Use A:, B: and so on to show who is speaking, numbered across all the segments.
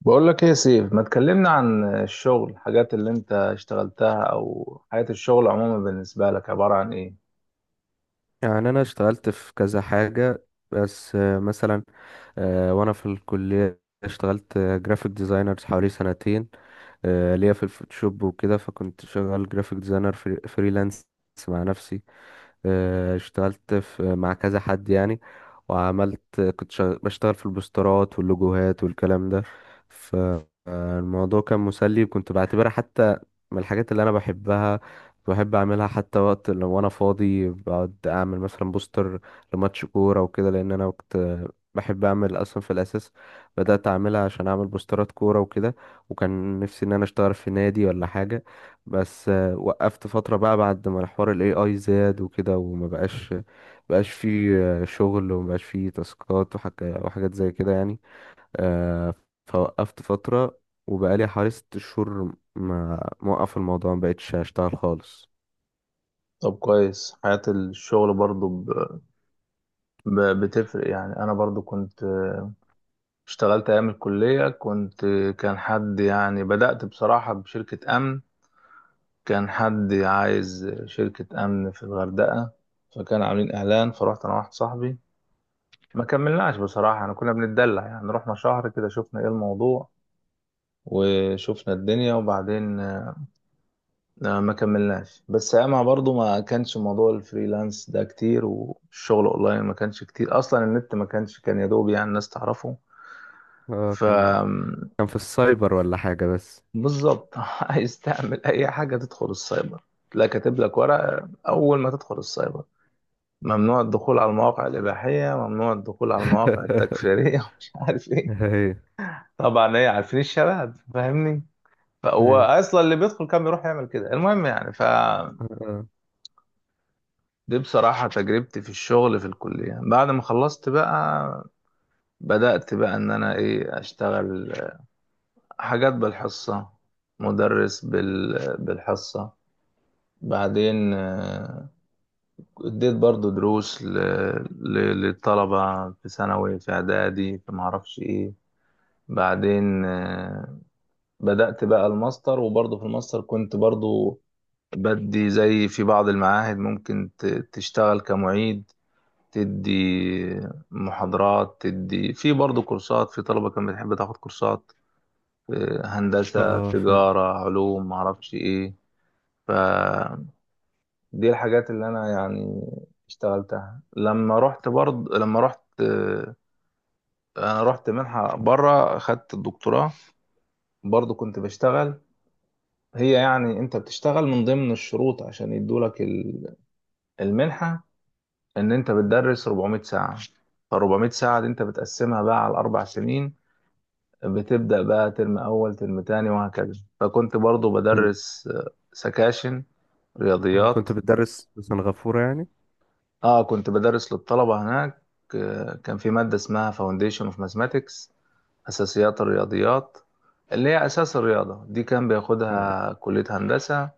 A: بقول لك ايه يا سيف؟ ما تكلمنا عن الشغل، الحاجات اللي انت اشتغلتها او حياة الشغل عموما بالنسبة لك عبارة عن ايه؟
B: يعني انا اشتغلت في كذا حاجة بس مثلا. وانا في الكلية اشتغلت جرافيك ديزاينر حوالي سنتين، ليا في الفوتوشوب وكده، فكنت شغال جرافيك ديزاينر فريلانس مع نفسي. اشتغلت مع كذا حد يعني، بشتغل في البوسترات واللوجوهات والكلام ده. فالموضوع كان مسلي، وكنت بعتبرها حتى من الحاجات اللي انا بحبها، بحب اعملها حتى وقت لو وانا فاضي بقعد اعمل مثلا بوستر لماتش كوره وكده، لان انا كنت بحب اعمل اصلا. في الاساس بدات اعملها عشان اعمل بوسترات كوره وكده، وكان نفسي ان انا اشتغل في نادي ولا حاجه، بس وقفت فترة بقى بعد ما حوار ال AI زاد وكده، وما بقاش فيه شغل، وما بقاش فيه تاسكات وحاجات زي كده يعني. آه، فوقفت فترة، وبقالي حوالي ست شهور ما موقف الموضوع، ما بقتش اشتغل خالص.
A: طب كويس، حياة الشغل برضو بتفرق. يعني انا برضو كنت اشتغلت ايام الكلية، كنت كان حد يعني بدأت بصراحة بشركة امن. كان حد عايز شركة امن في الغردقة، فكان عاملين اعلان، فرحت انا واحد صاحبي. ما كملناش بصراحة، انا كنا بنتدلع يعني، رحنا شهر كده شفنا ايه الموضوع وشفنا الدنيا، وبعدين ما كملناش. بس اما برضو ما كانش موضوع الفريلانس ده كتير، والشغل اونلاين ما كانش كتير اصلا، النت ما كانش، كان يا دوب يعني الناس تعرفه.
B: اه،
A: ف
B: كان في السايبر ولا حاجة بس.
A: بالظبط عايز تعمل اي حاجه تدخل السايبر، تلاقي كاتب لك ورقه اول ما تدخل السايبر: ممنوع الدخول على المواقع الاباحيه، ممنوع الدخول على المواقع التكفيريه ومش عارف ايه.
B: هي
A: طبعا ايه، عارفين الشباب، فاهمني. فهو
B: هي
A: اصلا اللي بيدخل كان بيروح يعمل كده. المهم يعني ف،
B: اه
A: دي بصراحة تجربتي في الشغل في الكلية. بعد ما خلصت بقى، بدأت بقى إن أنا إيه أشتغل حاجات بالحصة، مدرس بالحصة. بعدين اديت برضو دروس ل... للطلبة في ثانوي في إعدادي في معرفش إيه. بعدين بدأت بقى الماستر، وبرضو في الماستر كنت برضو بدي، زي في بعض المعاهد ممكن تشتغل كمعيد، تدي محاضرات، تدي في برضه كورسات في طلبة كانت بتحب تاخد كورسات.
B: اه
A: هندسة
B: آه، ف
A: تجارة علوم معرفش ايه. فدي الحاجات اللي انا يعني اشتغلتها. لما رحت برضه، لما رحت آه، انا رحت منحة بره، خدت الدكتوراه، برضه كنت بشتغل. هي يعني انت بتشتغل من ضمن الشروط عشان يدولك المنحة، ان انت بتدرس 400 ساعة. ف 400 ساعة دي انت بتقسمها بقى على الاربع سنين، بتبدأ بقى ترم أول ترم تاني وهكذا. فكنت برضو
B: كنت
A: بدرس سكاشن رياضيات.
B: كنت بتدرس في سنغافورة يعني؟
A: اه كنت بدرس للطلبة هناك. كان في مادة اسمها Foundation of Mathematics، أساسيات الرياضيات، اللي هي أساس الرياضة دي. كان
B: اه.
A: بياخدها كلية هندسة،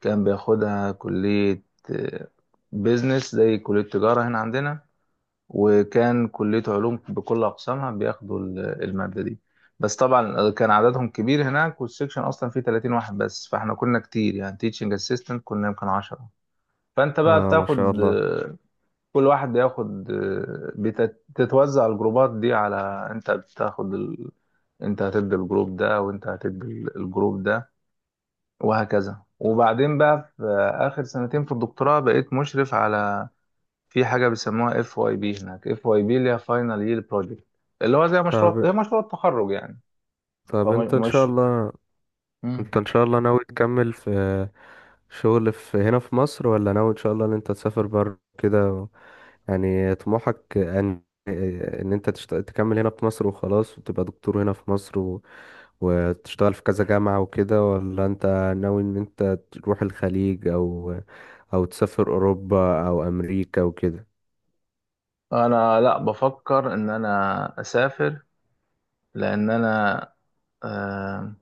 A: كان بياخدها كلية آه، بيزنس زي كلية تجارة هنا عندنا، وكان كلية علوم بكل أقسامها بياخدوا المادة دي. بس طبعا كان عددهم كبير هناك، والسكشن أصلا فيه 30 واحد بس، فاحنا كنا كتير يعني، تيتشنج اسيستنت كنا يمكن 10. فأنت بقى
B: ما شاء
A: بتاخد
B: الله.
A: كل واحد بياخد بتتوزع الجروبات دي على، أنت بتاخد أنت هتدي الجروب ده، وأنت هتدي الجروب ده وهكذا. وبعدين بقى في آخر سنتين في الدكتوراه بقيت مشرف على، في حاجه بيسموها اف واي بي هناك، اف واي بي اللي هي فاينل يير بروجكت، اللي هو زي مشروع، هي
B: طب
A: مشروع التخرج يعني.
B: طب
A: فمش مم.
B: انت ان شاء الله ناوي تكمل في شغل في هنا في مصر، ولا ناوي ان شاء الله ان انت تسافر بره كده يعني طموحك تكمل هنا في مصر وخلاص، وتبقى دكتور هنا في مصر وتشتغل في كذا جامعة وكده، ولا انت ناوي ان انت تروح الخليج او تسافر اوروبا او امريكا وكده؟
A: انا لا بفكر ان انا اسافر، لان انا آه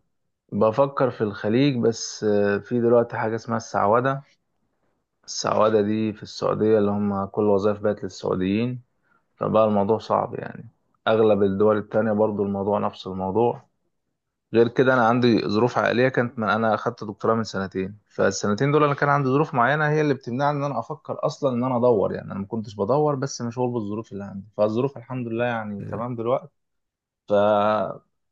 A: بفكر في الخليج. بس آه في دلوقتي حاجه اسمها السعوده، السعوده دي في السعوديه، اللي هم كل وظائف بقت للسعوديين، فبقى الموضوع صعب يعني. اغلب الدول التانية برضو الموضوع نفس الموضوع. غير كده انا عندي ظروف عائليه، كانت من انا اخدت دكتوراه من سنتين، فالسنتين دول انا كان عندي ظروف معينه هي اللي بتمنعني ان انا افكر اصلا ان انا ادور. يعني انا ما كنتش بدور، بس مشغول بالظروف اللي عندي. فالظروف الحمد لله يعني تمام دلوقتي، فهبدا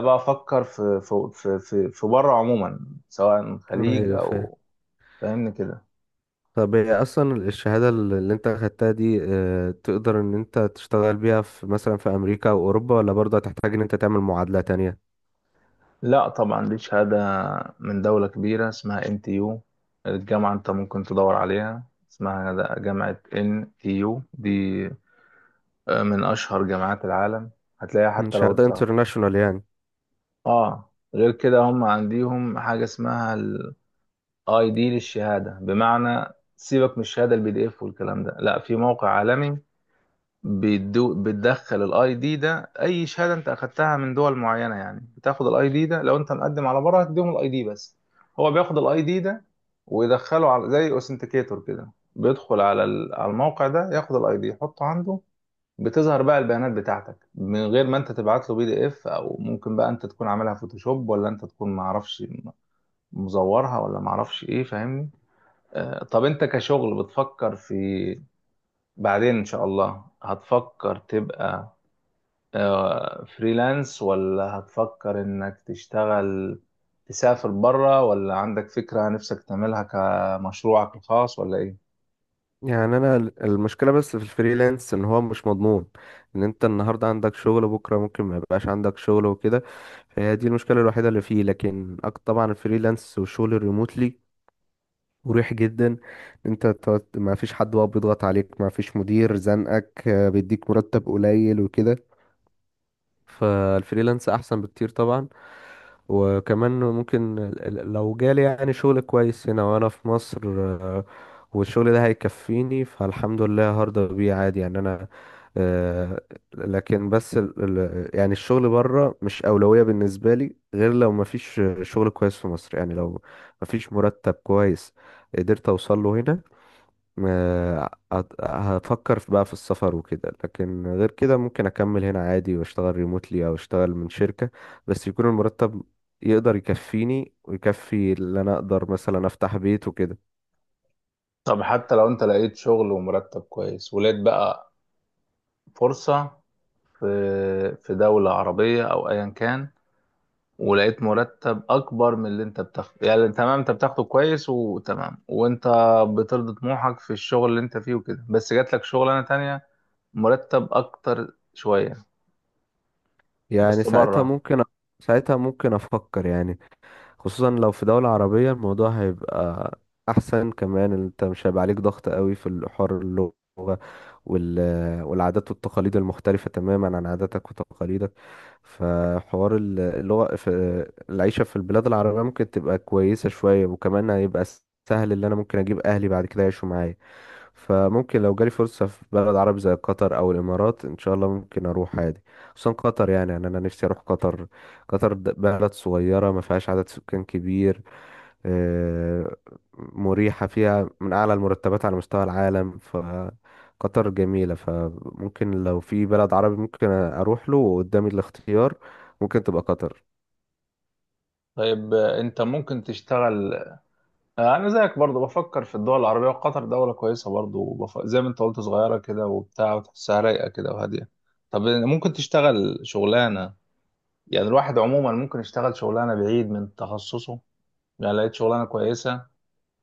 A: بقى افكر في بره عموما، سواء
B: اه،
A: خليج
B: ايوه.
A: او، فاهمني كده.
B: طب هي اصلا الشهاده اللي انت اخدتها دي تقدر ان انت تشتغل بيها في مثلا في امريكا او اوروبا، ولا برضه هتحتاج ان انت تعمل معادله تانية؟
A: لا طبعا دي شهاده من دوله كبيره اسمها ان تي يو، الجامعه انت ممكن تدور عليها، اسمها جامعه ان تي يو دي من أشهر جامعات العالم، هتلاقيها حتى لو
B: شهاده
A: أنت.
B: انترناشونال يعني.
A: آه غير كده هم عنديهم حاجة اسمها الاي دي للشهادة، بمعنى سيبك من الشهادة البي دي اف والكلام ده، لا في موقع عالمي بيدو، بتدخل الاي دي ده، اي شهادة انت اخدتها من دول معينة يعني بتاخد الاي دي ده، لو انت مقدم على بره هتديهم الاي دي بس، هو بياخد الاي دي ده ويدخله على زي اوثنتيكيتور كده، بيدخل على على الموقع ده، ياخد الاي دي يحطه عنده، بتظهر بقى البيانات بتاعتك، من غير ما انت تبعت له بي دي اف، او ممكن بقى انت تكون عاملها فوتوشوب ولا انت تكون معرفش مزورها ولا معرفش ايه، فاهمني. آه طب انت كشغل بتفكر في، بعدين ان شاء الله هتفكر تبقى آه فريلانس، ولا هتفكر انك تشتغل، تسافر بره، ولا عندك فكرة نفسك تعملها كمشروعك الخاص ولا ايه؟
B: يعني انا المشكله بس في الفريلانس ان هو مش مضمون، ان انت النهارده عندك شغل بكره ممكن ما يبقاش عندك شغل وكده، فهي دي المشكله الوحيده اللي فيه. لكن طبعا الفريلانس والشغل الريموتلي مريح جدا، إن ما فيش حد بقى بيضغط عليك، ما فيش مدير زنقك بيديك مرتب قليل وكده. فالفريلانس احسن بكتير طبعا. وكمان ممكن لو جالي يعني شغل كويس هنا وانا في مصر، والشغل ده هيكفيني فالحمد لله هرضى بيه عادي يعني انا. آه، لكن بس يعني الشغل بره مش أولوية بالنسبة لي، غير لو مفيش شغل كويس في مصر، يعني لو مفيش مرتب كويس قدرت أوصل له هنا، هفكر بقى في السفر وكده. لكن غير كده ممكن اكمل هنا عادي واشتغل ريموتلي او اشتغل من شركة، بس يكون المرتب يقدر يكفيني ويكفي اللي انا اقدر مثلا افتح بيت وكده.
A: طب حتى لو انت لقيت شغل ومرتب كويس، ولقيت بقى فرصة في في دولة عربية أو أيا كان، ولقيت مرتب أكبر من اللي أنت بتاخده، يعني تمام أنت بتاخده كويس وتمام، وأنت بترضي طموحك في الشغل اللي أنت فيه وكده، بس جات لك شغلانة تانية مرتب أكتر شوية،
B: يعني
A: بس بره.
B: ساعتها ممكن افكر يعني، خصوصا لو في دولة عربية الموضوع هيبقى أحسن. كمان أنت مش هيبقى عليك ضغط قوي في الحوار اللغة وال... والعادات والتقاليد المختلفة تماما عن عاداتك وتقاليدك. فحوار اللغة في العيشة في البلاد العربية ممكن تبقى كويسة شوية، وكمان هيبقى سهل اللي أنا ممكن أجيب أهلي بعد كده يعيشوا معايا. فممكن لو جالي فرصة في بلد عربي زي قطر أو الإمارات إن شاء الله ممكن أروح عادي، خصوصا قطر. يعني أنا نفسي أروح قطر. قطر بلد صغيرة ما فيهاش عدد سكان كبير، آه، مريحة، فيها من أعلى المرتبات على مستوى العالم، فقطر جميلة. فممكن لو في بلد عربي ممكن أروح له، وقدامي الاختيار ممكن تبقى قطر.
A: طيب أنت ممكن تشتغل، أنا زيك برضو بفكر في الدول العربية، وقطر دولة كويسة برضو، زي ما أنت قلت صغيرة كده وبتاع وتحسها رايقة كده وهادية. طب ممكن تشتغل شغلانة، يعني الواحد عموما ممكن يشتغل شغلانة بعيد من تخصصه، يعني لقيت شغلانة كويسة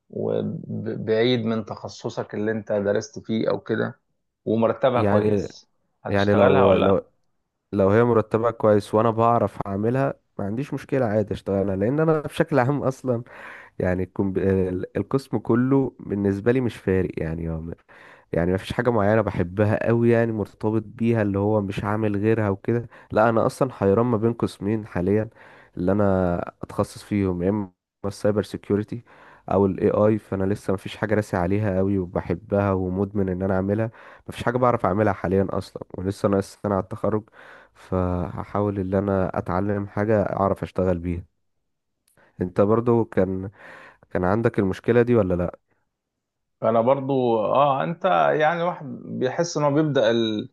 A: وبعيد من تخصصك اللي انت درست فيه او كده، ومرتبها
B: يعني
A: كويس،
B: يعني
A: هتشتغلها
B: لو
A: ولا؟
B: لو لو هي مرتبها كويس وأنا بعرف أعملها، ما عنديش مشكلة عادي أشتغلها. لأن أنا بشكل عام أصلا، يعني القسم كله بالنسبة لي مش فارق. يعني يعني مفيش حاجة معينة بحبها قوي يعني مرتبط بيها اللي هو مش عامل غيرها وكده. لا، أنا أصلا حيران ما بين قسمين حاليا اللي أنا أتخصص فيهم، يا إما السايبر سيكيورتي أو ال AI. فأنا لسه مفيش حاجة راسي عليها قوي وبحبها ومدمن إن أنا أعملها، مفيش حاجة بعرف أعملها حاليا أصلا، ولسه ناقص سنة على التخرج، فهحاول إن أنا أتعلم حاجة أعرف أشتغل بيها. انت برضو كان عندك المشكلة دي ولا لا؟
A: لا انا برضو اه انت، يعني الواحد بيحس ان هو بيبدأ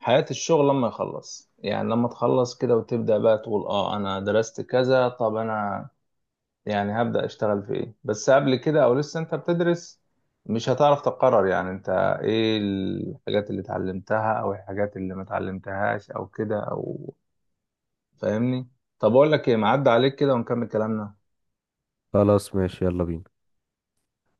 A: حياة الشغل لما يخلص. يعني لما تخلص كده وتبدأ بقى تقول اه انا درست كذا، طب انا يعني هبدأ اشتغل في ايه؟ بس قبل كده او لسه انت بتدرس، مش هتعرف تقرر يعني انت ايه الحاجات اللي اتعلمتها او الحاجات اللي ما اتعلمتهاش او كده او، فاهمني. طب اقول لك ايه، معدي عليك كده ونكمل كلامنا.
B: خلاص ماشي يلا بينا.